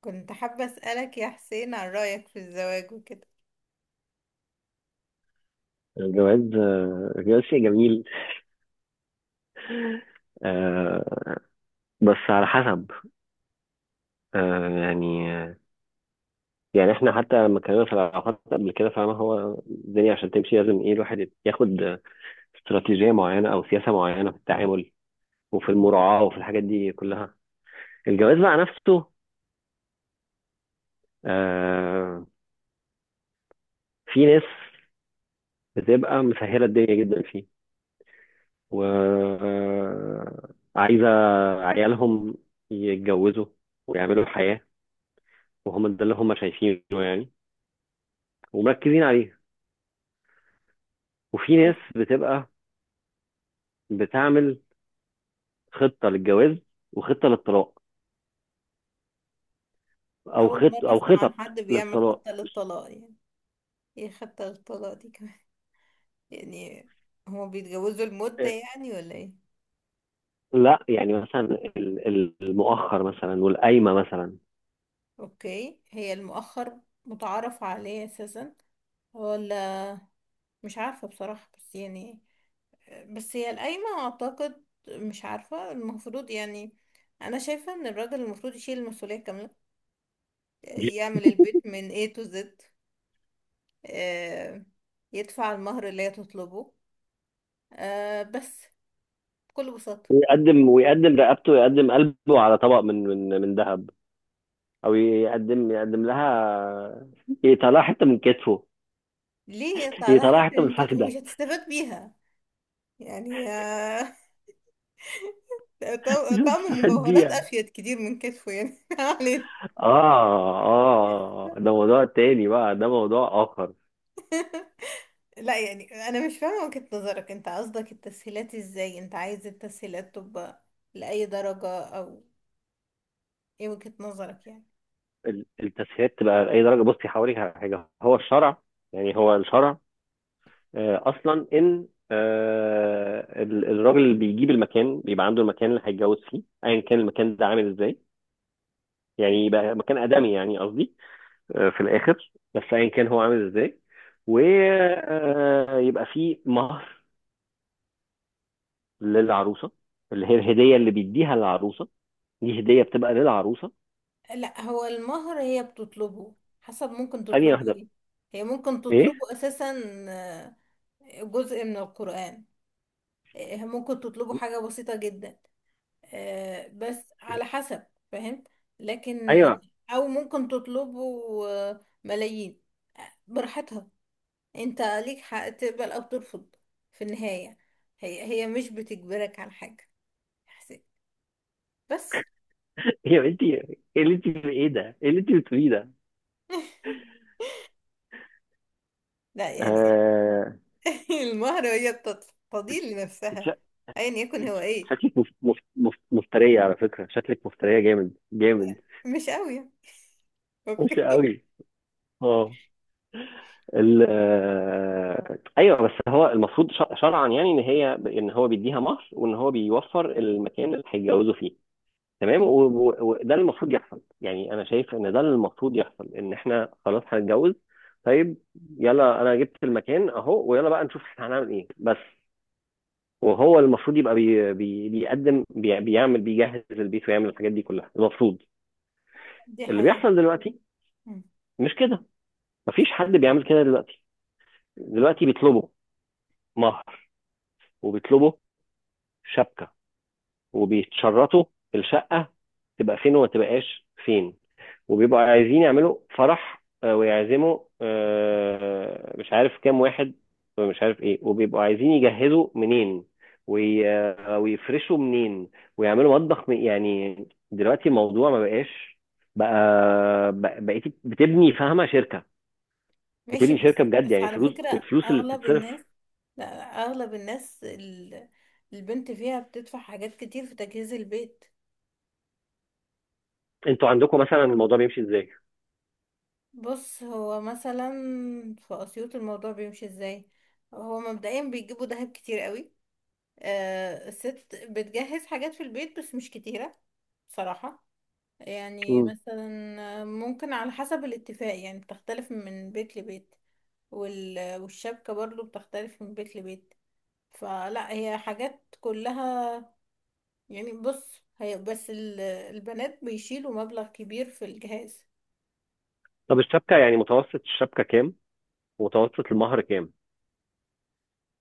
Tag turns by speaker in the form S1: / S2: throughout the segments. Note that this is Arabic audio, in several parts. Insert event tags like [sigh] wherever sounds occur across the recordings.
S1: كنت حابة أسألك يا حسين عن رأيك في الزواج وكده.
S2: الجواز آه، الجواز شيء جميل. آه، بس على حسب. آه، يعني آه، يعني احنا حتى لما اتكلمنا في العلاقات قبل كده، فاهم؟ هو الدنيا عشان تمشي لازم ايه؟ الواحد ياخد استراتيجية معينة او سياسة معينة في التعامل وفي المراعاة وفي الحاجات دي كلها. الجواز بقى نفسه، آه، في ناس بتبقى مسهلة الدنيا جدا فيه، وعايزة عيالهم يتجوزوا ويعملوا حياة، وهم ده اللي هم شايفينه يعني، ومركزين عليها. وفي ناس بتبقى بتعمل خطة للجواز وخطة للطلاق، او
S1: أول
S2: خط
S1: مرة
S2: او
S1: أسمع عن
S2: خطط
S1: حد بيعمل
S2: للطلاق.
S1: خطة للطلاق يعني. إيه خطة للطلاق دي كمان؟ [laughs] يعني هو بيتجوزوا المدة يعني ولا إيه؟
S2: لا يعني مثلا المؤخر مثلا والقايمة مثلا.
S1: أوكي، هي المؤخر متعارف عليه أساسا ولا؟ مش عارفة بصراحة، بس يعني بس هي القايمة أعتقد مش عارفة المفروض يعني. أنا شايفة إن الراجل المفروض يشيل المسؤولية كاملة، يعمل البيت من A to Z، آه، يدفع المهر اللي هي تطلبه، بس بكل بساطة.
S2: يقدم ويقدم رقبته، ويقدم قلبه على طبق من ذهب، او يقدم لها، يطلع حته من كتفه،
S1: ليه يطلع لها
S2: يطلع
S1: حتة
S2: حته من
S1: من كده ومش
S2: الفخده.
S1: هتستفاد بيها يعني؟
S2: [laughs]
S1: طعم
S2: مش
S1: طعم
S2: هتستفاد
S1: مجوهرات
S2: بيها.
S1: أفيد كتير من كتفه يعني. [laughs] ما علينا.
S2: اه اه، ده موضوع تاني بقى، ده موضوع اخر.
S1: [laughs] لا يعني أنا مش فاهمة وجهة نظرك. أنت قصدك التسهيلات إزاي؟ أنت عايز التسهيلات تبقى لأي درجة؟ أو إيه وجهة نظرك يعني؟
S2: التسهيلات تبقى لاي درجه؟ بصي، هوريك على حاجه. هو الشرع، يعني هو الشرع، آه، اصلا ان الراجل اللي بيجيب المكان بيبقى عنده المكان اللي هيتجوز فيه، ايا كان المكان ده عامل ازاي. يعني يبقى مكان ادمي يعني، قصدي آه، في الاخر، بس ايا كان هو عامل ازاي. ويبقى فيه مهر للعروسه، اللي هي الهديه اللي بيديها للعروسه. دي هديه بتبقى للعروسه.
S1: لا هو المهر هي بتطلبه حسب، ممكن
S2: ثانيه
S1: تطلبه
S2: واحده.
S1: ايه. هي ممكن
S2: ايه؟
S1: تطلبه اساسا آه، جزء من القرآن. ممكن تطلبه حاجة بسيطة جدا، بس على حسب، فاهم؟ لكن
S2: ايوه.
S1: او ممكن تطلبه ملايين، براحتها. انت ليك حق تقبل او ترفض في النهاية. هي مش بتجبرك على حاجة، بس.
S2: هي انت ايه ده؟ ايه اللي انت بتقوليه ده؟
S1: [laughs] لا يعني
S2: آه...
S1: [laughs] المهرة هي تضيل
S2: إنت
S1: لنفسها ايا يكن
S2: إنت
S1: هو ايه.
S2: شكلك مفترية على فكرة. شكلك مفترية جامد جامد،
S1: مش قوي.
S2: وحشة
S1: اوكي.
S2: قوي. اه. ايوه، بس هو المفروض شرعا يعني ان هي ان هو بيديها مهر، وان هو بيوفر المكان اللي هيتجوزوا فيه.
S1: [laughs]
S2: تمام.
S1: مم.
S2: وده اللي المفروض يحصل. يعني انا شايف ان ده اللي المفروض يحصل، ان احنا خلاص هنتجوز. طيب، يلا انا جبت المكان اهو، ويلا بقى نشوف احنا هنعمل ايه. بس وهو المفروض يبقى بي بي بيقدم بي بيعمل، بيجهز البيت، ويعمل الحاجات دي كلها المفروض.
S1: دي
S2: اللي
S1: حقيقة.
S2: بيحصل دلوقتي
S1: مم.
S2: مش كده. مفيش حد بيعمل كده دلوقتي. دلوقتي بيطلبوا مهر، وبيطلبوا شبكة، وبيتشرطوا الشقة تبقى فين وما تبقاش فين. وبيبقوا عايزين يعملوا فرح، ويعزموا مش عارف كام واحد، مش عارف ايه. وبيبقوا عايزين يجهزوا منين، وي... آه، ويفرشوا منين، ويعملوا مطبخ يعني دلوقتي الموضوع ما بقاش. بقى بقيتي بتبني، فاهمة، شركة.
S1: ماشي،
S2: بتبني
S1: بس
S2: شركة بجد
S1: بس
S2: يعني.
S1: على
S2: فلوس،
S1: فكرة
S2: الفلوس اللي
S1: أغلب
S2: بتتصرف!
S1: الناس، لا أغلب الناس البنت فيها بتدفع حاجات كتير في تجهيز البيت.
S2: انتوا عندكم مثلا الموضوع بيمشي ازاي؟
S1: بص، هو مثلا في أسيوط الموضوع بيمشي ازاي. هو مبدئيا بيجيبوا دهب كتير قوي. الست بتجهز حاجات في البيت بس مش كتيرة بصراحة. يعني
S2: مم.
S1: مثلا ممكن على حسب الاتفاق، يعني بتختلف من بيت لبيت. والشبكة برضو بتختلف من بيت لبيت. فلا هي حاجات كلها يعني. بص، هي بس البنات بيشيلوا مبلغ كبير في الجهاز.
S2: طب الشبكة يعني، متوسط الشبكة كام؟ ومتوسط المهر كام؟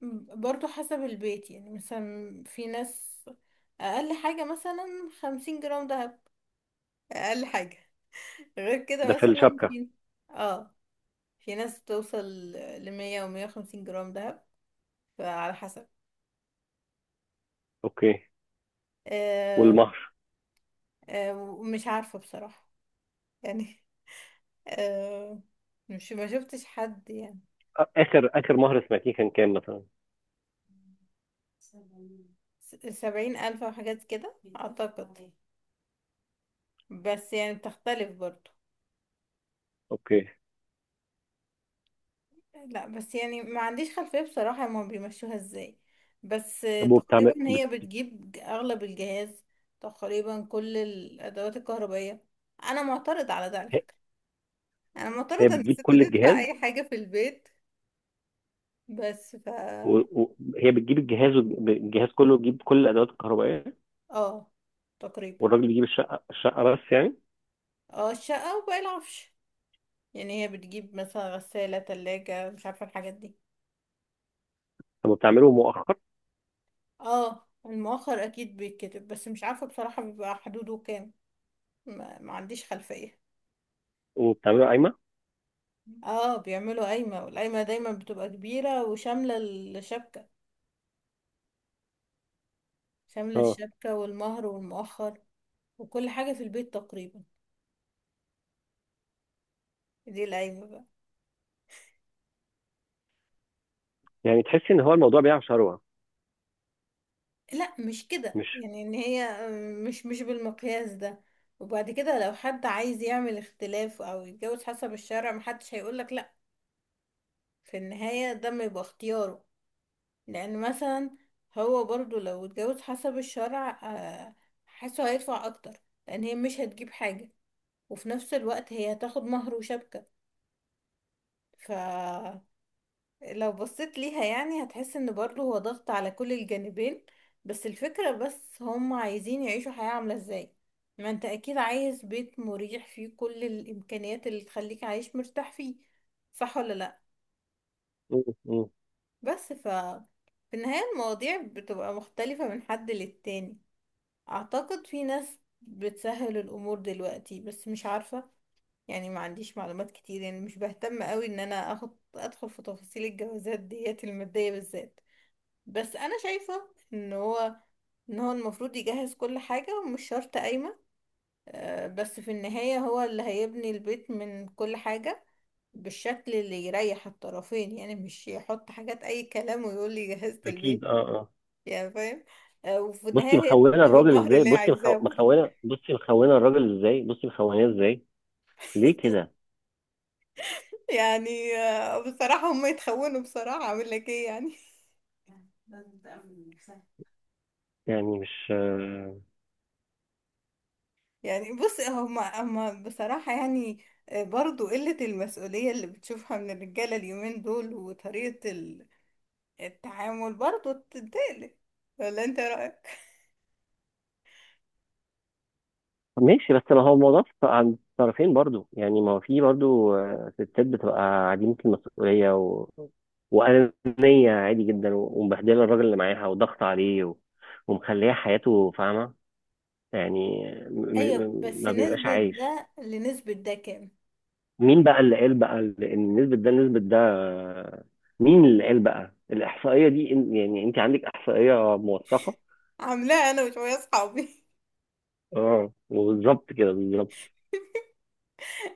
S1: برضو حسب البيت، يعني مثلا في ناس أقل حاجة مثلا 50 جرام دهب، أقل حاجة. غير
S2: ده
S1: كده
S2: في
S1: مثلا
S2: الشبكة.
S1: في، اه، في ناس بتوصل لـ100 و150 جرام دهب. فعلى حسب.
S2: اوكي.
S1: آه،
S2: والمهر؟
S1: آه، مش عارفة بصراحة، يعني آه، مش ما شفتش حد يعني.
S2: اخر مهر سمعتيه كان كام مثلا؟
S1: 70 ألف أو حاجات كده أعتقد، بس يعني بتختلف برضو.
S2: اوكي.
S1: لا بس يعني ما عنديش خلفية بصراحة هما بيمشوها ازاي. بس
S2: طب
S1: تقريبا
S2: وبتعمل
S1: هي بتجيب أغلب الجهاز، تقريبا كل الأدوات الكهربائية. أنا معترض على ده على فكرة. أنا
S2: هي
S1: معترضة إن
S2: بتجيب
S1: الست
S2: كل
S1: تدفع
S2: الجهاز؟
S1: أي حاجة في البيت، بس ف،
S2: هي بتجيب الجهاز، الجهاز كله بيجيب كل الادوات الكهربائيه؟
S1: اه تقريبا.
S2: والراجل بيجيب الشقه، بس يعني؟
S1: اه الشقة وباقي العفش. يعني هي بتجيب مثلا غسالة، تلاجة، مش عارفة الحاجات دي.
S2: طب وبتعمله مؤخر؟
S1: اه المؤخر اكيد بيتكتب بس مش عارفة بصراحة بيبقى حدوده كام. ما عنديش خلفية.
S2: وبتعمله قايمه؟
S1: اه بيعملوا قايمة، والقايمة دايما بتبقى كبيرة وشاملة الشبكة، شاملة
S2: اه.
S1: الشبكة والمهر والمؤخر وكل حاجة في البيت تقريبا. دي القايمة بقى.
S2: يعني تحسي ان هو الموضوع بيع شروه
S1: لا مش كده،
S2: مش
S1: يعني ان هي مش بالمقياس ده. وبعد كده لو حد عايز يعمل اختلاف او يتجوز حسب الشرع محدش هيقولك، في النهاية ده ما يبقى اختياره. لأن مثلا هو برضو لو اتجوز حسب الشرع حاسه هيدفع أكتر، لأن هي مش هتجيب حاجة وفي نفس الوقت هي هتاخد مهر وشبكة. فلو بصيت ليها يعني هتحس ان برضو هو ضغط على كل الجانبين. بس الفكرة بس هم عايزين يعيشوا حياة عاملة ازاي. ما انت اكيد عايز بيت مريح فيه كل الامكانيات اللي تخليك عايش مرتاح فيه، صح ولا لا؟
S2: م.
S1: بس ف في النهاية المواضيع بتبقى مختلفة من حد للتاني. أعتقد في ناس بتسهل الأمور دلوقتي بس مش عارفة، يعني ما عنديش معلومات كتير. يعني مش بهتم قوي إن أنا أخد أدخل في تفاصيل الجوازات ديت المادية بالذات. بس أنا شايفة إن هو المفروض يجهز كل حاجة، ومش شرط قايمة. بس في النهاية هو اللي هيبني البيت من كل حاجة بالشكل اللي يريح الطرفين. يعني مش يحط حاجات أي كلام ويقول لي جهزت
S2: اكيد
S1: البيت،
S2: اه اه.
S1: يعني فاهم. وفي
S2: بصي
S1: النهاية هي
S2: مخونه
S1: تطلب
S2: الراجل
S1: المهر
S2: ازاي؟
S1: اللي هي
S2: بصي
S1: عايزاه برضه.
S2: مخونه الراجل ازاي، بصي مخونه ازاي. ليه كده؟
S1: [laughs] يعني بصراحة هم يتخونوا، بصراحة أعمل لك إيه يعني.
S2: يعني مش...
S1: يعني بص هم بصراحة يعني برضو قلة المسؤولية اللي بتشوفها من الرجالة اليومين دول وطريقة التعامل برضو تقلق. ولا أنت رأيك؟
S2: ماشي، بس ما هو الموضوع عند الطرفين برضو يعني. ما هو في برضو آه، ستات بتبقى عديمة المسؤولية وأنانية عادي جدا، ومبهدلة الراجل اللي معاها وضغط عليه ومخليه حياته فاهمة، يعني
S1: ايوه بس
S2: ما بيبقاش
S1: نسبة
S2: عايش.
S1: ده لنسبة ده كام؟
S2: مين بقى اللي قال بقى إن نسبة ده نسبة ده؟ آه، مين اللي قال بقى الإحصائية دي؟ يعني أنت عندك إحصائية موثقة؟
S1: عاملاها أنا وشوية أصحابي.
S2: اه، وبالظبط كده بالظبط.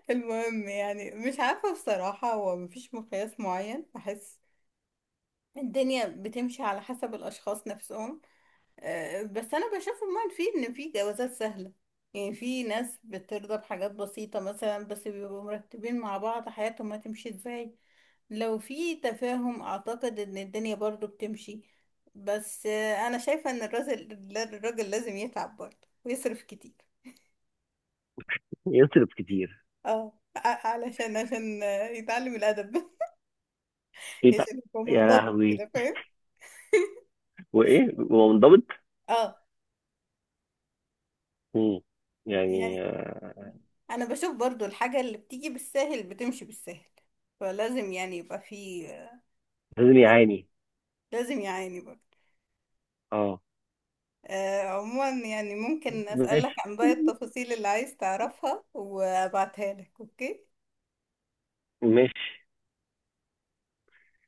S1: المهم يعني مش عارفة بصراحة، هو مفيش مقياس معين بحس. الدنيا بتمشي على حسب الأشخاص نفسهم. بس أنا بشوف عموما في إن في جوازات سهلة. يعني في ناس بترضى بحاجات بسيطة مثلا، بس بيبقوا مرتبين مع بعض حياتهم هتمشي ازاي. لو في تفاهم أعتقد إن الدنيا برضو بتمشي. بس أنا شايفة إن الراجل لازم يتعب برضه ويصرف كتير.
S2: يصرف كتير؟
S1: اه ع- علشان عشان يتعلم الأدب،
S2: إيه بقى؟
S1: عشان يبقى
S2: يا
S1: منضبط
S2: لهوي،
S1: كده، فاهم.
S2: وايه ومنضبط؟
S1: اه.
S2: مم.
S1: يعني
S2: يعني آه،
S1: انا بشوف برضو الحاجة اللي بتيجي بالساهل بتمشي بالساهل، فلازم يعني يبقى في،
S2: لازم يعاني.
S1: لازم يعاني برضو.
S2: اه.
S1: آه عموما يعني ممكن اسألك
S2: ماشي
S1: عن باقي التفاصيل اللي عايز تعرفها وابعتها لك، اوكي.
S2: ماشي.